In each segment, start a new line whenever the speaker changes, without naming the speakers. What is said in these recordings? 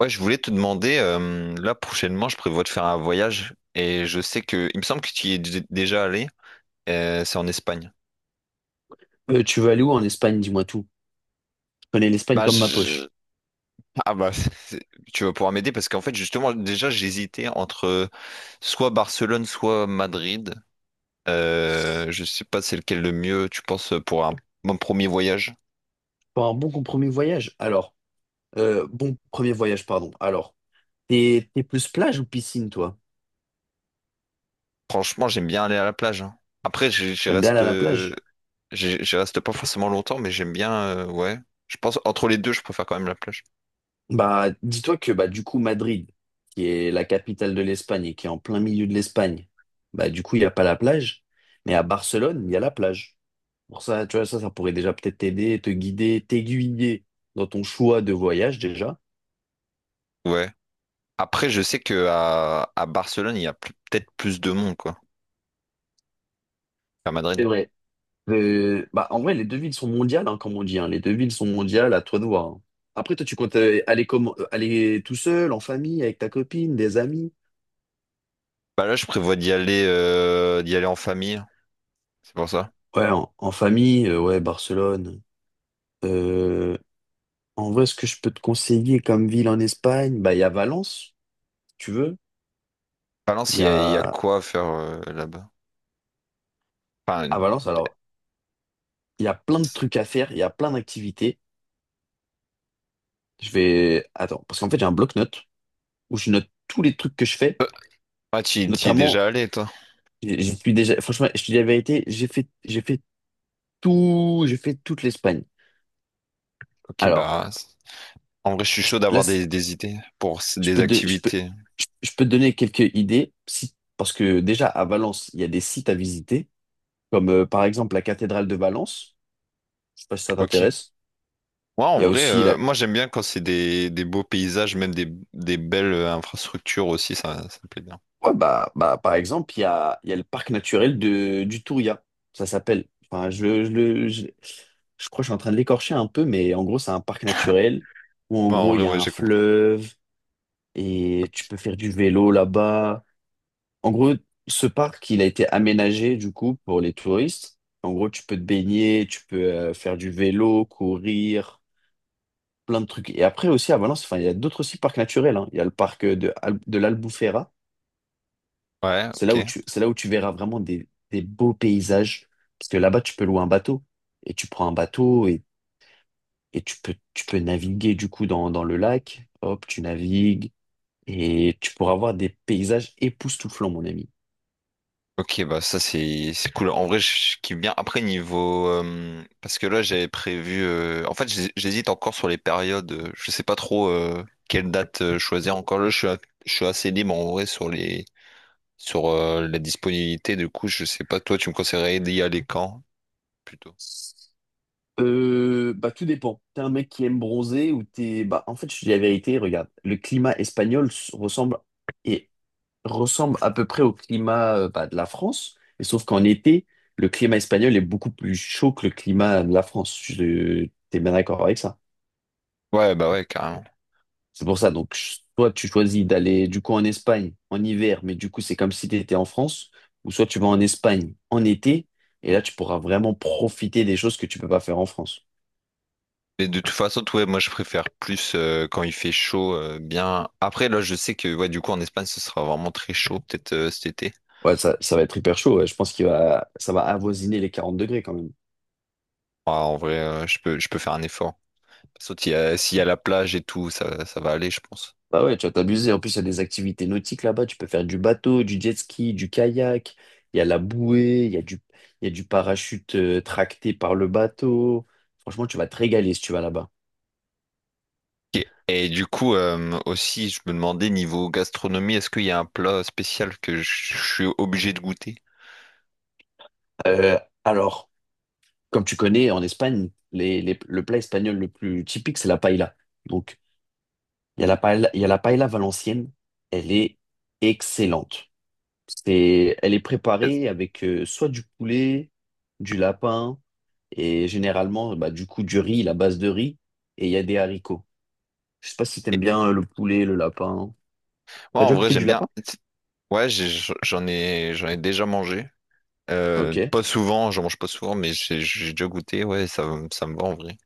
Ouais, je voulais te demander, là prochainement, je prévois de faire un voyage et je sais que, il me semble que tu y es déjà allé, c'est en Espagne.
Tu veux aller où en Espagne? Dis-moi tout. Je connais l'Espagne
Bah,
comme
je-
ma
je-
poche.
ah bah, c'est- tu vas pouvoir m'aider parce qu'en fait, justement, déjà, j'hésitais entre soit Barcelone, soit Madrid. Je sais pas c'est lequel le mieux, tu penses, pour mon premier voyage.
Pour un bon premier voyage. Alors, bon premier voyage, pardon. Alors, t'es plus plage ou piscine, toi?
Franchement, j'aime bien aller à la plage, hein. Après, j'y
T'aimes bien aller
reste,
à la plage?
j'y reste pas forcément longtemps, mais j'aime bien, ouais. Je pense, entre les deux, je préfère quand même la plage.
Bah, dis-toi que bah du coup Madrid, qui est la capitale de l'Espagne et qui est en plein milieu de l'Espagne, bah du coup il n'y a pas la plage, mais à Barcelone il y a la plage. Pour ça, tu vois ça, ça pourrait déjà peut-être t'aider, te guider, t'aiguiller dans ton choix de voyage déjà.
Ouais. Après, je sais que à Barcelone, il y a peut-être plus de monde, quoi, qu'à
C'est
Madrid.
vrai. Bah, en vrai, les deux villes sont mondiales, hein, comme on dit, hein. Les deux villes sont mondiales, à toi de voir, hein. Après, toi, tu comptes aller, aller tout seul, en famille, avec ta copine, des amis?
Bah là, je prévois d'y aller en famille. C'est pour ça.
Ouais, en, en famille, ouais, Barcelone. Euh, En vrai, ce que je peux te conseiller comme ville en Espagne, bah, il y a Valence, si tu veux. Il
Valence,
y
il y a
a,
quoi à faire là-bas?
à
Enfin,
Valence, alors, il y a plein de trucs à faire, il y a plein d'activités. Je vais, attends, parce qu'en fait, j'ai un bloc-notes où je note tous les trucs que je fais,
ah, tu y es
notamment,
déjà allé, toi?
j'y suis déjà, franchement, je te dis la vérité, j'ai fait tout, j'ai fait toute l'Espagne.
Ok,
Alors,
en vrai, je suis chaud
là,
d'avoir des idées pour
je
des
peux te,
activités.
je peux te donner quelques idées, si, parce que déjà à Valence, il y a des sites à visiter, comme par exemple la cathédrale de Valence. Je sais pas si ça
Ok.
t'intéresse.
Ouais, en
Il y a
vrai,
aussi la,
moi, j'aime bien quand c'est des beaux paysages, même des belles infrastructures aussi, ça me plaît bien.
ouais, bah, par exemple, il y a le parc naturel de, du Touria. Ça s'appelle. Enfin, je crois que je suis en train de l'écorcher un peu, mais en gros, c'est un parc naturel où en
Ouais, en
gros, il
vrai,
y a
ouais,
un
j'ai compris.
fleuve et
Ok.
tu peux faire du vélo là-bas. En gros, ce parc, il a été aménagé du coup pour les touristes. En gros, tu peux te baigner, tu peux faire du vélo, courir, plein de trucs. Et après aussi à Valence, enfin, il y a d'autres aussi parcs naturels, hein. Il y a le parc de l'Albufera.
Ouais,
C'est
ok.
là où tu, c'est là où tu verras vraiment des beaux paysages. Parce que là-bas, tu peux louer un bateau. Et tu prends un bateau et tu peux naviguer du coup dans, dans le lac. Hop, tu navigues. Et tu pourras voir des paysages époustouflants, mon ami.
Ok, bah ça c'est cool. En vrai, je kiffe bien. Après, parce que là, j'avais prévu... En fait, j'hés- j'hésite encore sur les périodes. Je sais pas trop quelle date choisir. Encore là, je suis assez libre en vrai sur sur la disponibilité. Du coup, je sais pas. Toi, tu me conseillerais d'y aller quand, plutôt?
Bah tout dépend. T'es un mec qui aime bronzer ou t'es... Bah en fait, je te dis la vérité, regarde, le climat espagnol ressemble et ressemble à peu près au climat bah, de la France, mais sauf qu'en été, le climat espagnol est beaucoup plus chaud que le climat de la France. T'es bien d'accord avec ça?
Ouais, bah ouais, carrément.
C'est pour ça, donc soit tu choisis d'aller du coup en Espagne en hiver, mais du coup c'est comme si t'étais en France, ou soit tu vas en Espagne en été, et là tu pourras vraiment profiter des choses que tu peux pas faire en France.
Mais de toute façon, ouais, moi, je préfère plus quand il fait chaud. Après, là, je sais que ouais, du coup, en Espagne, ce sera vraiment très chaud, peut-être cet été.
Ouais, ça va être hyper chaud, ouais. Je pense qu'il va, ça va avoisiner les 40 degrés quand même.
Ah, en vrai, je peux faire un effort. Sauf s'il y a la plage et tout, ça va aller, je pense.
Bah ouais, tu vas t'abuser. En plus, il y a des activités nautiques là-bas. Tu peux faire du bateau, du jet ski, du kayak. Il y a la bouée, il y a du, il y a du parachute tracté par le bateau. Franchement, tu vas te régaler si tu vas là-bas.
Ok. Et du coup, aussi, je me demandais, niveau gastronomie, est-ce qu'il y a un plat spécial que je suis obligé de goûter?
Euh, alors, Comme tu connais, en Espagne, le plat espagnol le plus typique, c'est la paella. Donc, il y a la paella, il y a la paella valencienne. Elle est excellente. C'est, elle est
Est-ce-
préparée avec soit du poulet, du lapin et généralement bah, du coup du riz, la base de riz et il y a des haricots. Je sais pas si t'aimes
et-
bien le poulet, le lapin.
Moi,
T'as
en
déjà
vrai,
goûté du
j'aime bien.
lapin?
Ouais, j'en ai déjà mangé.
Ok. Donc,
Pas souvent, j'en mange pas souvent, mais j'ai déjà goûté. Ouais, ça me va en vrai.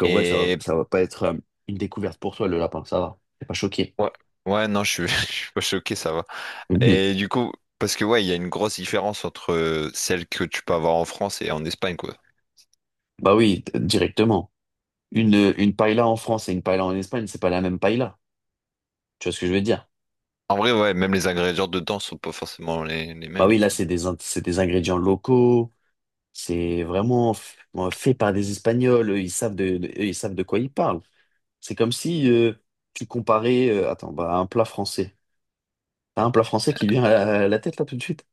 en vrai,
Et
ça va pas être une découverte pour toi le lapin, ça va. T'es pas choqué.
ouais, ouais, non, je suis, je suis pas choqué, ça va.
Mhm.
Et du coup, parce que ouais, il y a une grosse différence entre celle que tu peux avoir en France et en Espagne, quoi.
Bah oui, directement. Une paella en France et une paella en Espagne, c'est pas la même paella. Tu vois ce que je veux dire?
En vrai, ouais, même les ingrédients dedans sont pas forcément les
Bah
mêmes,
oui,
du
là,
coup.
c'est des ingrédients locaux. C'est vraiment bon, fait par des Espagnols, eux, ils savent eux, ils savent de quoi ils parlent. C'est comme si tu comparais attends, bah, un plat français. T'as un plat français qui vient à la tête là tout de suite.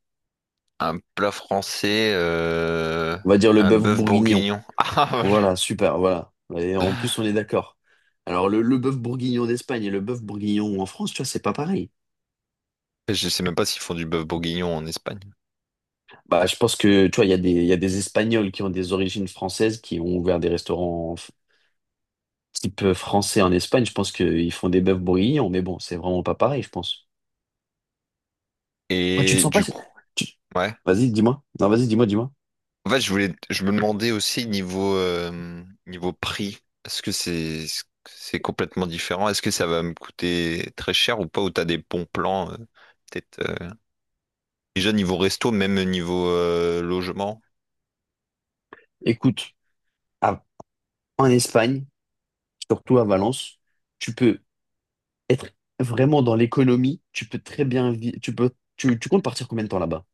Un plat français,
On va dire le
un
bœuf
bœuf
bourguignon.
bourguignon.
Voilà, super, voilà. Et en plus, on est d'accord. Alors, le bœuf bourguignon d'Espagne et le bœuf bourguignon en France, tu vois, c'est pas pareil.
Ah, voilà. Je sais même pas s'ils font du bœuf bourguignon en Espagne.
Bah, je pense que, tu vois, il y a des Espagnols qui ont des origines françaises, qui ont ouvert des restaurants type français en Espagne. Je pense qu'ils font des bœufs bourguignons, mais bon, c'est vraiment pas pareil, je pense. Quand tu te
Et
sens pas.
du coup,
tu-
ouais.
Vas-y, dis-moi. Non, vas-y, dis-moi.
En fait, je me demandais aussi niveau prix, est-ce que c'est complètement différent? Est-ce que ça va me coûter très cher ou pas? Ou t'as des bons plans peut-être déjà niveau resto, même niveau logement?
Écoute, à- en Espagne, surtout à Valence, tu peux être vraiment dans l'économie. Tu peux très bien vivre. Tu peux. Tu comptes partir combien de temps là-bas?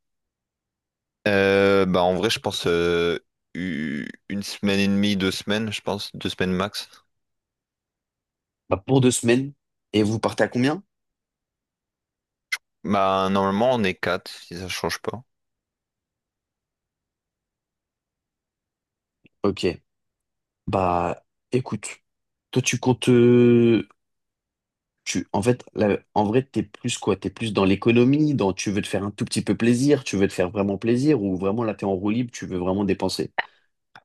Bah en vrai, je pense une semaine et demie, deux semaines, je pense deux semaines max.
Bah, pour 2 semaines. Et vous partez à combien?
Bah normalement, on est quatre si ça change pas.
Ok, bah écoute, toi tu comptes, tu, en fait, là, en vrai t'es plus quoi? T'es plus dans l'économie, dans tu veux te faire un tout petit peu plaisir, tu veux te faire vraiment plaisir, ou vraiment là t'es en roue libre, tu veux vraiment dépenser,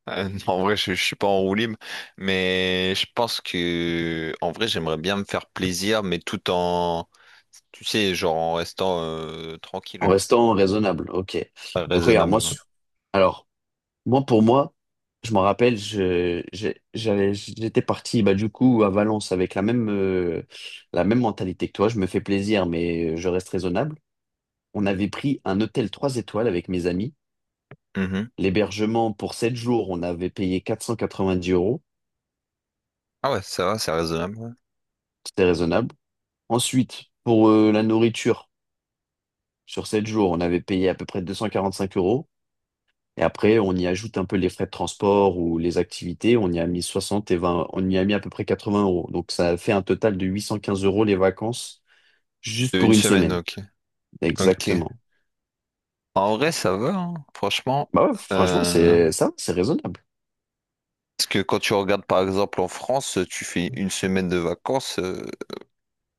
Non, en vrai, je suis pas en roue libre, mais je pense que, en vrai, j'aimerais bien me faire plaisir, mais tout en, tu sais, genre en restant
en
tranquille,
restant raisonnable. Ok. Donc regarde, moi,
raisonnable, ouais.
s- alors moi pour moi, je m'en rappelle, j'allais, j'étais parti bah du coup à Valence avec la même mentalité que toi. Je me fais plaisir, mais je reste raisonnable. On avait pris un hôtel 3 étoiles avec mes amis.
Mhm.
L'hébergement pour 7 jours, on avait payé 490 euros.
Ah ouais, ça va, c'est raisonnable, ouais.
C'était raisonnable. Ensuite, pour la nourriture, sur 7 jours, on avait payé à peu près 245 euros. Et après, on y ajoute un peu les frais de transport ou les activités. On y a mis 60 et 20, on y a mis à peu près 80 euros. Donc, ça a fait un total de 815 euros les vacances juste
De
pour
une
une
semaine,
semaine.
ok. Ok.
Exactement.
En vrai, ça va, hein, franchement.
Bah ouais, franchement,
Euh,
c'est ça, c'est raisonnable.
Parce que quand tu regardes, par exemple, en France, tu fais une semaine de vacances.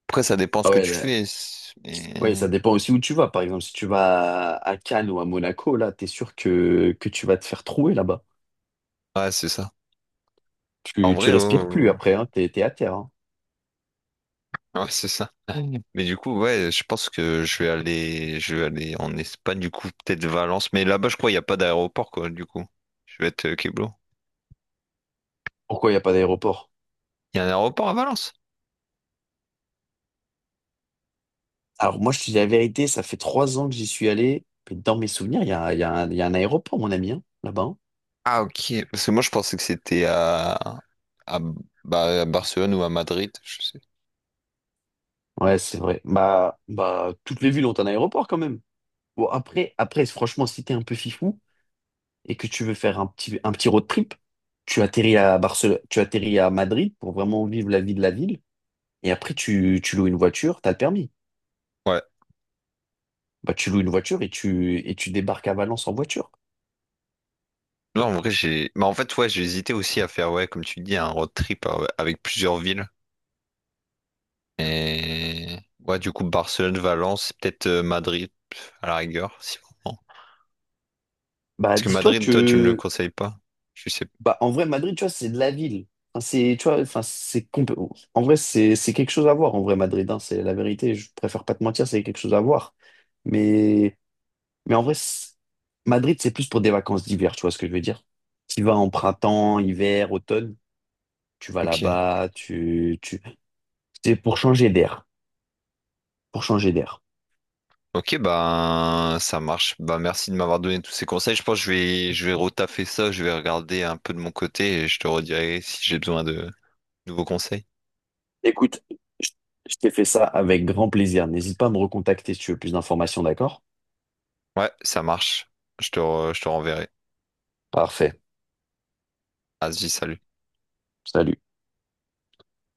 Après, ça dépend
Ah
ce que tu
ouais,
fais.
Oui, ça dépend aussi où tu vas. Par exemple, si tu vas à Cannes ou à Monaco, là, t'es sûr que tu vas te faire trouer là-bas.
Ouais, c'est ça. En
Tu
vrai, ouais,
respires
ouais,
plus
ouais.
après, hein, t'es, t'es à terre, hein.
Ouais, c'est ça. Mm. Mais du coup, ouais, je pense que je vais aller en Espagne, du coup, peut-être Valence. Mais là-bas, je crois, il n'y a pas d'aéroport, quoi, du coup. Je vais être Keblo.
Pourquoi il n'y a pas d'aéroport?
Il y a un aéroport à Valence?
Alors moi, je te dis la vérité, ça fait 3 ans que j'y suis allé. Mais dans mes souvenirs, il y a un aéroport, mon ami, hein, là-bas, hein.
Ah, ok. Parce que moi, je pensais que c'était à, bah, à Barcelone ou à Madrid, je sais.
Ouais, c'est vrai. Bah, toutes les villes ont un aéroport quand même. Bon, après, franchement, si t'es un peu fifou et que tu veux faire un petit road trip, tu atterris à Barcelone, tu atterris à Madrid pour vraiment vivre la vie de la ville. Et après, tu loues une voiture, t'as le permis.
Ouais.
Bah, tu loues une voiture et tu débarques à Valence en voiture.
Non, en vrai, j'ai. Mais en fait, ouais, j'ai hésité aussi à faire, ouais, comme tu dis, un road trip avec plusieurs villes. Et, ouais, du coup, Barcelone, Valence, peut-être Madrid, à la rigueur, si vraiment.
Bah,
Parce que
dis-toi
Madrid, toi, tu me le
que,
conseilles pas? Je sais.
bah, en vrai, Madrid, tu vois, c'est de la ville. Enfin, c'est, tu vois, enfin, c'est compl- En vrai, c'est quelque chose à voir, en vrai, Madrid, hein. C'est la vérité. Je préfère pas te mentir, c'est quelque chose à voir. Mais Mais en vrai, c- Madrid, c'est plus pour des vacances d'hiver, tu vois ce que je veux dire? Tu vas en printemps, hiver, automne, tu vas
Ok.
là-bas, tu... C'est pour changer d'air, pour changer d'air.
Ok, bah ça marche. Bah merci de m'avoir donné tous ces conseils. Je pense que je vais retaffer ça, je vais regarder un peu de mon côté et je te redirai si j'ai besoin de nouveaux conseils.
Écoute, je je t'ai fait ça avec grand plaisir. N'hésite pas à me recontacter si tu veux plus d'informations, d'accord?
Ouais, ça marche. Je te renverrai.
Parfait.
Vas-y, salut.
Salut.